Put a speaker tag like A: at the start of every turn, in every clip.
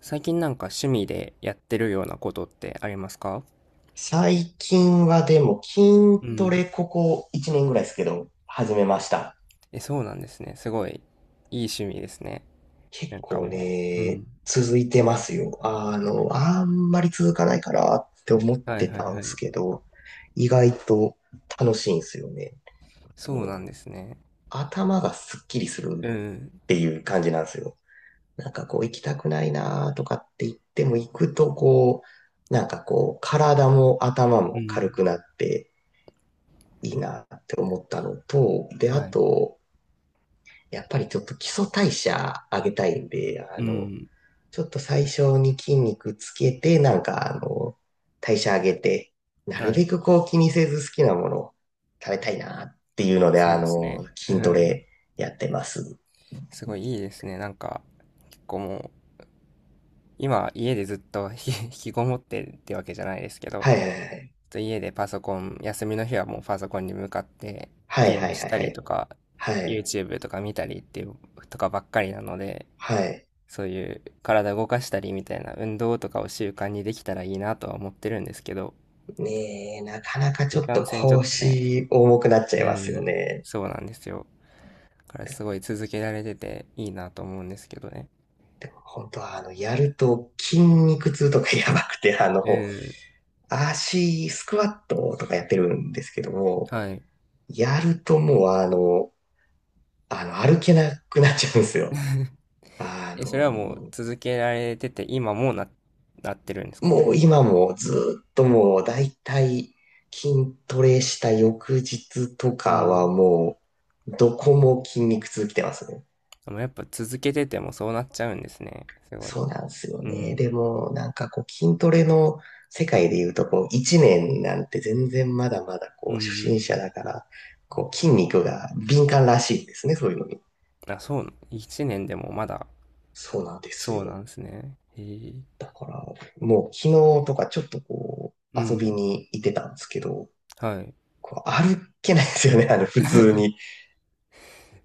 A: 最近なんか趣味でやってるようなことってありますか？
B: 最近はでも筋
A: う
B: ト
A: ん。
B: レここ1年ぐらいですけど、始めました。
A: え、そうなんですね。すごいいい趣味ですね。
B: 結
A: なんか
B: 構
A: もう、う
B: ね、
A: ん、
B: 続いてますよ。あんまり続かないかなって思っ
A: はい
B: て
A: はい
B: たん
A: は
B: です
A: い。
B: けど、意外と楽しいんですよね。
A: そうな
B: と
A: んですね。
B: 頭がすっきりす
A: う
B: る
A: ん。
B: っていう感じなんですよ。なんかこう行きたくないなとかって言っても行くとこう、なんかこう体も頭
A: う
B: も軽
A: ん、
B: くなっていいなって思ったのと、で、あ
A: はい。
B: と、やっぱりちょっと基礎代謝上げたいんで、
A: うん、
B: ちょっと最初に筋肉つけて、なんか、代謝上げて、なる
A: は
B: べ
A: い。
B: くこう気にせず好きなものを食べたいなっていうので、
A: そうですね。う
B: 筋ト
A: ん。
B: レやってます。
A: すごいいいですね。なんか、結構もう、今家でずっとひ 引きこもってってわけじゃないですけど、
B: はいはいはい。
A: と家でパソコン、休みの日はもうパソコンに向かって
B: はい
A: ゲー
B: は
A: ム
B: い
A: し
B: はい
A: た
B: は
A: り
B: い。
A: とか、
B: はい。
A: YouTube とか見たりっていうとかばっかりなので、
B: はい。
A: そういう体動かしたりみたいな運動とかを習慣にできたらいいなとは思ってるんですけど、
B: ねえ、なかなかち
A: い
B: ょっ
A: か
B: と
A: んせんちょっとね、
B: 腰重くなっちゃ
A: う
B: いますよ
A: ん、
B: ね。
A: そうなんですよ。だからすごい続けられてていいなと思うんですけどね。
B: 本当は、やると筋肉痛とかやばくて、
A: うん、
B: 足、スクワットとかやってるんですけども、
A: はい。
B: やるともう歩けなくなっちゃうんですよ。あ
A: え、それはもう
B: の、
A: 続けられてて今もうなってるんですか？
B: もう今もずっともうだいたい筋トレした翌日と
A: う
B: かは
A: ん。
B: もう、どこも筋肉痛きてますね。
A: でもやっぱ続けててもそうなっちゃうんですね。すごい。
B: そうなんですよ
A: う
B: ね。で
A: ん。
B: も、なんかこう筋トレの世界で言うと、こう1年なんて全然まだまだこ
A: う
B: う初心
A: ん。
B: 者だから、こう筋肉が敏感らしいですね、そういうのに。
A: あ、そう、1年でもまだ、
B: そうなんです
A: そうな
B: よ。
A: んですね。へえ。
B: だから、もう昨日とかちょっとこ
A: う
B: う、遊び
A: ん。
B: に行ってたんですけど、
A: はい。
B: こう歩けないですよね、普通に。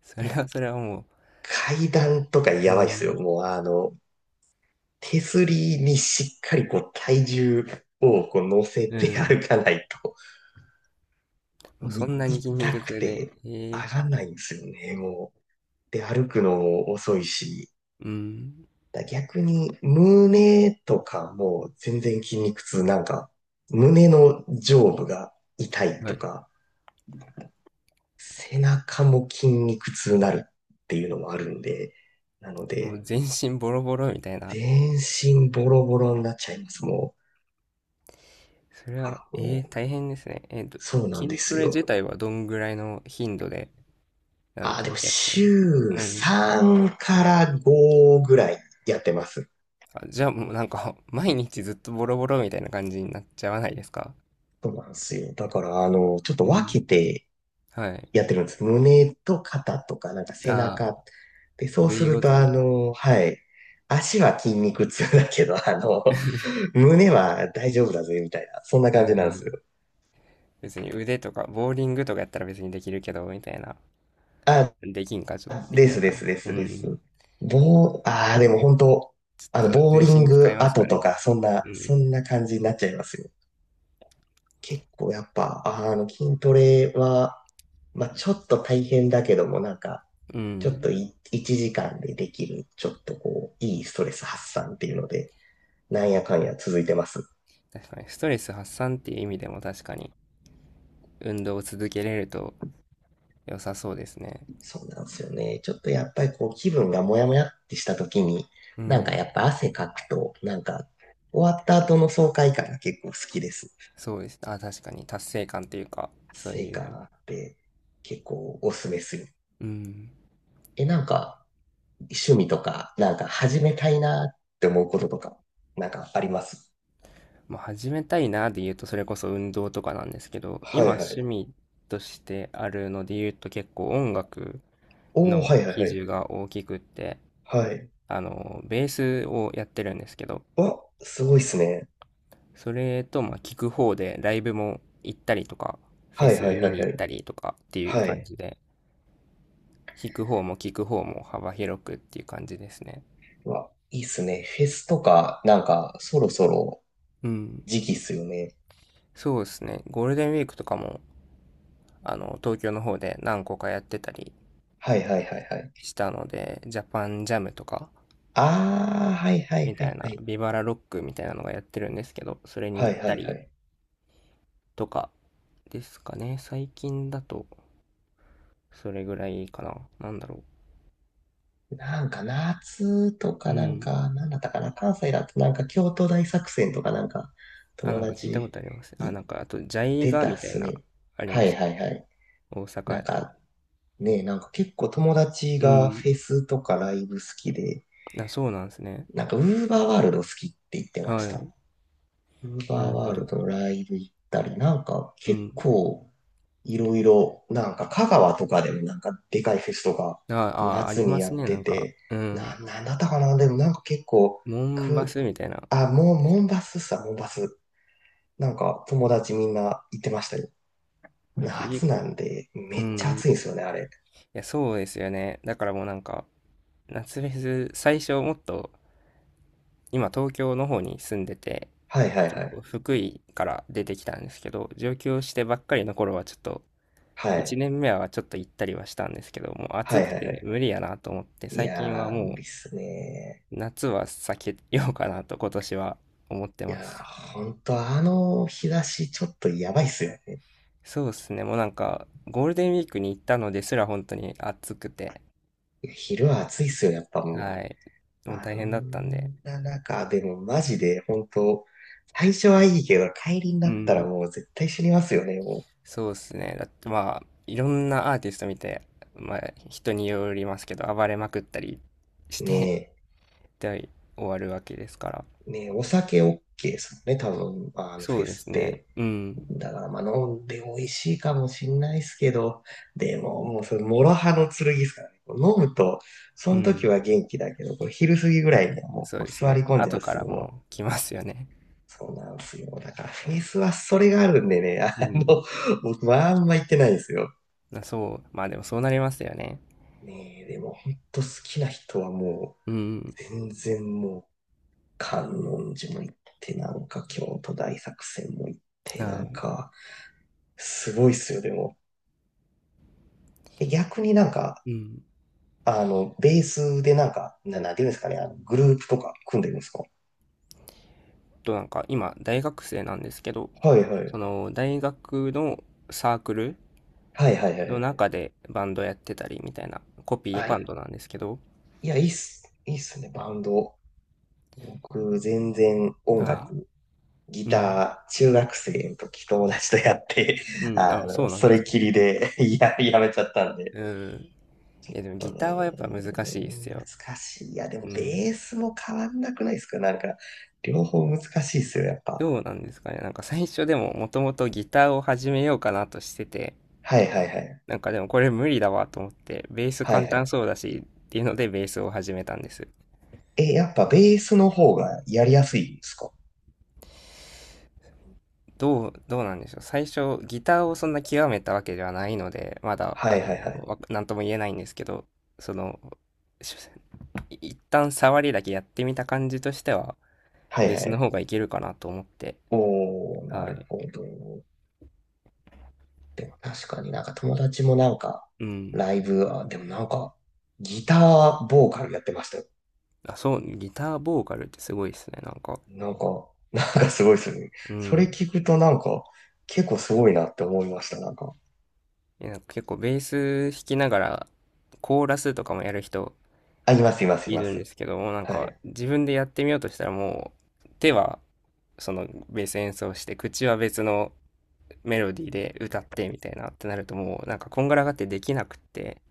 A: それはそれはも
B: 階段とか
A: う、
B: や
A: う
B: ばいっすよ。
A: ん。
B: もう手すりにしっかりこう体重をこう乗せ
A: う
B: て歩
A: ん。
B: かないと、
A: もう
B: もう
A: そ
B: い
A: んなに筋肉
B: 痛く
A: 痛で、
B: て
A: へえ。
B: 上がらないんですよね、もう。で、歩くのも遅いし、
A: うん。
B: だ逆に、胸とかもう全然筋肉痛、なんか、胸の上部が痛い
A: は
B: と
A: い。
B: か、背中も筋肉痛になるっていうのもあるんで、なの
A: もう
B: で、
A: 全身ボロボロみたいな。
B: 全身ボロボロになっちゃいます、もう。
A: それ
B: あ
A: は、
B: ら、
A: ええ、
B: もう、
A: 大変ですね。
B: そうなん
A: 筋
B: で
A: ト
B: す
A: レ自
B: よ。
A: 体はどんぐらいの頻度で、
B: あー、でも
A: やってる？
B: 週
A: うん。
B: 3から5ぐらいやってます。
A: じゃあもうなんか 毎日ずっとボロボロみたいな感じになっちゃわないですか？
B: そうなんですよ。だから、ちょっと
A: う
B: 分
A: ん。
B: けて
A: はい。
B: やってるんです。胸と肩とか、なんか背
A: ああ、
B: 中。で、そう
A: 部
B: す
A: 位
B: る
A: ご
B: と、
A: とに。
B: はい。足は筋肉痛だけど、胸は大丈夫だぜ、みたいな。そんな
A: う
B: 感じなんですよ。
A: ん。別に腕とか、ボーリングとかやったら別にできるけど、みたいな。
B: あ、
A: できんか、ちょっとでき
B: で
A: な
B: す
A: いか
B: です
A: な。
B: で
A: う
B: すです。
A: ん。
B: ボー、ああ、でも本当、
A: ちょっと
B: ボー
A: 全
B: リン
A: 身使い
B: グ
A: ます
B: 後
A: か
B: と
A: ね。
B: か、そん
A: う
B: な、そ
A: ん。
B: んな感じになっちゃいますよ。結構やっぱ、筋トレは、まあ、ちょっと大変だけども、なんか、
A: う
B: ちょっ
A: ん。
B: とい1時間でできる、ちょっとこう、いいストレス発散っていうので、なんやかんや続いてます。
A: 確かに、ストレス発散っていう意味でも確かに、運動を続けれると良さそうですね。
B: そうなんですよね。ちょっとやっぱりこう、気分がモヤモヤってした時に、
A: う
B: なんか
A: ん。
B: やっぱ汗かくと、なんか、終わった後の爽快感が結構好きです。
A: そうです。あ、確かに、達成感っていうか、そう
B: 成
A: い
B: 果
A: う。
B: あって結構おすすめする。
A: うん。
B: え、なんか、趣味とか、なんか始めたいなって思うこととか、なんかあります？
A: まあ、始めたいなで言うと、それこそ運動とかなんですけど、
B: は
A: 今
B: いは
A: 趣
B: い。
A: 味としてあるので言うと結構音楽
B: おー、
A: の
B: はいはい
A: 比
B: はい。
A: 重が大きくって、
B: はい。
A: あの、ベースをやってるんですけど、
B: わ、すごいっすね。
A: それと、まあ、聞く方でライブも行ったりとか、フェ
B: はいは
A: ス
B: いは
A: 見
B: い
A: に行
B: は
A: っ
B: い。
A: たりとかっていう
B: は
A: 感
B: い。
A: じで、弾く方も聞く方も幅広くっていう感じですね。
B: うわ、いいっすね。フェスとか、なんか、そろそろ
A: うん。
B: 時期っすよね。
A: そうですね。ゴールデンウィークとかも、あの、東京の方で何個かやってたり
B: はいはいはいはい。
A: したので、ジャパンジャムとか、
B: ああ、はいはい
A: み
B: は
A: た
B: い
A: い
B: は
A: な、
B: い。
A: ビバラロックみたいなのがやってるんですけど、それに
B: は
A: 行っ
B: いはい
A: た
B: は
A: り
B: い。
A: とかですかね。最近だと、それぐらいかな。なんだろ
B: なんか夏と
A: う。
B: か
A: う
B: なん
A: ん。
B: か、なんだったかな、関西だとなんか京都大作戦とかなんか、
A: あ、
B: 友
A: なんか聞いたこ
B: 達
A: とあります。あ、
B: 行っ
A: なんか、あと、ジャイ
B: て
A: ガ
B: たっ
A: みたい
B: す
A: な、
B: ね。
A: あり
B: は
A: ます
B: い
A: よ。
B: はいはい。
A: 大阪
B: な
A: や
B: ん
A: と。
B: かね、なんか結構友達
A: う
B: が
A: ん。
B: フェスとかライブ好きで、
A: あ、そうなんですね。
B: なんかウーバーワールド好きって言ってまし
A: は
B: た。
A: い。
B: ウーバー
A: なるほ
B: ワール
A: ど。
B: ドライブ行ったり、なんか
A: う
B: 結
A: ん。
B: 構いろいろ、なんか香川とかでもなんかでかいフェスとか
A: あ、あ、あり
B: 夏に
A: ま
B: や
A: す
B: っ
A: ね。な
B: て
A: んか、
B: て、
A: うん。
B: なんだったかなでもなんか結構、
A: モンバ
B: く、
A: スみたいな。
B: あ、もう、モンバス。なんか友達みんな行ってましたよ。
A: すげえ、
B: 夏なんで
A: う
B: めっ
A: んう
B: ちゃ
A: ん。
B: 暑いん
A: い
B: ですよね、あれ。
A: や、そうですよね。だからもうなんか、夏フェス、最初もっと今東京の方に住んでて、
B: はいはい
A: 結
B: は
A: 構
B: い。
A: 福井から出てきたんですけど、上京してばっかりの頃はちょっと、
B: は
A: 1
B: い。
A: 年目はちょっと行ったりはしたんですけど、もう
B: は
A: 暑
B: い
A: く
B: はいは
A: て
B: い。
A: 無理やなと思って、
B: い
A: 最近は
B: やー、無
A: も
B: 理っすね。
A: う夏は避けようかなと今年は思って
B: い
A: ま
B: やー、
A: す。
B: ほんとあの日差しちょっとやばいっすよ。
A: そうですね、もうなんかゴールデンウィークに行ったのですら本当に暑くて、
B: 昼は暑いっすよ、やっぱも
A: はい、で
B: う。
A: も
B: あ
A: 大変だったんで、
B: んな中、でもマジで、本当最初はいいけど、帰りに
A: う
B: なったら
A: ん。
B: もう絶対死にますよね、も
A: そうですね。だってまあ、いろんなアーティスト見て、まあ、人によりますけど、暴れまくったりし
B: う。
A: て、
B: ね
A: で、終わるわけですから。
B: え、ねえ、お酒 OK ですもんね、多分、
A: そ
B: フ
A: う
B: ェ
A: で
B: ス
A: す
B: っ
A: ね。
B: て。
A: うん。
B: だから、まあ、飲んで美味しいかもしんないっすけど、でも、もう、それ、諸刃の剣ですからね。こう飲むと、そ
A: う
B: の時
A: ん。
B: は元気だけど、こう昼過ぎぐらいにはもう、
A: そう
B: こう
A: です
B: 座り
A: ね。
B: 込んじゃうっ
A: 後か
B: す
A: ら
B: よ、も
A: もう
B: う。
A: 来ますよね。
B: そうなんですよ。だからフェイスはそれがあるんでね、
A: うん。
B: 僕はあんま行ってないんですよ。
A: まあそう。まあでもそうなりますよね。
B: ねえ、でも本当好きな人はも
A: うん。
B: う、全然もう、観音寺も行って、なんか京都大作戦も行って、な
A: は
B: ん
A: い。
B: か、すごいっすよ、でも。え逆になんか、
A: うん。
B: ベースでなんか、なんていうんですかね、グループとか組んでるんですか？
A: と、なんか今、大学生なんですけど、
B: はいは
A: そ
B: い。
A: の、大学のサークル
B: はいはいは
A: の
B: い。
A: 中でバンドやってたりみたいな、コピー
B: は
A: バン
B: い。
A: ドなんですけど、
B: いや、いいっす。いいっすね、バンド。僕、全然音
A: はい。
B: 楽ギ
A: うん。
B: ター、中学生の時友達とやって、
A: う ん。あ、そうなん
B: そ
A: で
B: れ
A: すか。
B: きりで やめちゃったんで。
A: うん。いや、でも
B: えっと
A: ギ
B: ね、
A: ターはやっぱ難しいですよ。
B: 難しい。いや、でも
A: う
B: ベ
A: ん。
B: ースも変わんなくないですか？なんか、両方難しいですよ、やっぱ。
A: どうなんですかね。なんか最初でももともとギターを始めようかなとしてて、
B: はいはいはい。
A: なんかでもこれ無理だわと思って、ベース
B: はい
A: 簡
B: は
A: 単
B: い。
A: そうだしっていうのでベースを始めたんです。
B: え、やっぱベースの方がやりやすいんですか？
A: どうなんでしょう。最初ギターをそんな極めたわけではないので、まだ、
B: は
A: あ
B: い
A: の、
B: はいはい。
A: なんとも言えないんですけど、その、し一旦触りだけやってみた感じとしては、
B: は
A: ベ
B: い
A: ー
B: は
A: スの
B: い。
A: 方がいけるかなと思って、
B: おー、な
A: は
B: る
A: い。
B: ほど。でも確かになんか友達もなんか、
A: うん。
B: ライブ、あ、でもなんか、ギターボーカルやってました？
A: あ、そう、ギターボーカルってすごいですね。なんか、
B: なんか、なんかすごいですよね。
A: う
B: それ
A: ん。
B: 聞くとなんか、結構すごいなって思いました、なんか。
A: え、なんか結構ベース弾きながら、コーラスとかもやる人
B: あ、います、います、い
A: い
B: ま
A: るんで
B: す。
A: すけども、なん
B: は
A: か
B: い。
A: 自分でやってみようとしたらもう、手はそのベース演奏して、口は別のメロディーで歌ってみたいなってなるともう、なんかこんがらがってできなくって、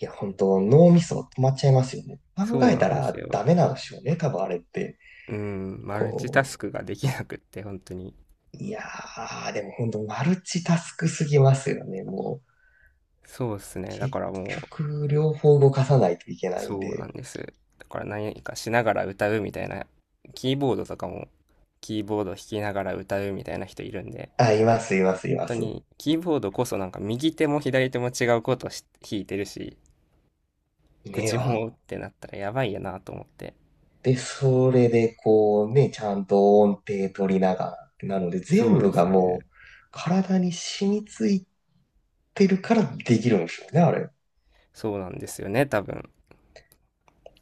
B: いや、本当脳みそ止まっちゃいますよね。考
A: そう
B: え
A: な
B: た
A: んです
B: ら
A: よ。
B: ダメなんでしょうね、多分あれって。
A: うん、マルチタ
B: こ
A: スクができなくって、本当に。
B: いやー、でも本当マルチタスクすぎますよね、もう。
A: そうですね。だ
B: 結
A: からもう、
B: 局、両方動かさないといけないん
A: そうな
B: で。
A: んです。だから何かしながら歌うみたいな、キーボードとかもキーボード弾きながら歌うみたいな人いるんで、
B: あ、います、います、い
A: 本
B: ま
A: 当
B: す。
A: にキーボードこそなんか右手も左手も違うこと弾いてるし、
B: ねえ、
A: 口
B: あ
A: もってなったらやばいやなと思って。
B: で、それでこうね、ちゃんと音程取りながらってなので、
A: そ
B: 全
A: うで
B: 部
A: す
B: が
A: よね。
B: もう体に染みついてるからできるんですよね、あれ。
A: そうなんですよね、多分。だ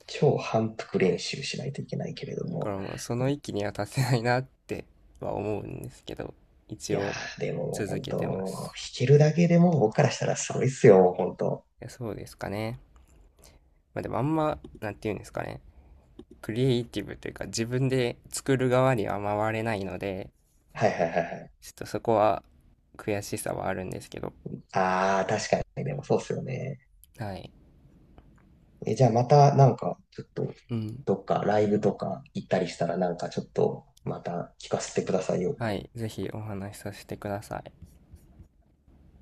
B: 超反復練習しないといけないけれど
A: か
B: も。
A: らもうそ
B: う
A: の
B: ん。
A: 域には達せないなっては思うんですけど、一
B: いや
A: 応
B: ー、でも
A: 続
B: 本
A: けてま
B: 当、弾
A: す。
B: けるだけでも僕からしたらすごいっすよ、本当。
A: いやそうですかね。まあでもあんま、なんて言うんですかね。クリエイティブというか自分で作る側には回れないので、
B: はいはいはいはい。
A: ちょっとそこは悔しさはあるんですけど、
B: ああ確かに、でもそうっすよね。
A: はい。
B: え、じゃあまたなんか、ちょっと、
A: うん。
B: どっかライブとか行ったりしたらなんかちょっと、また聞かせてくださいよ。
A: はい。ぜひお話しさせてください。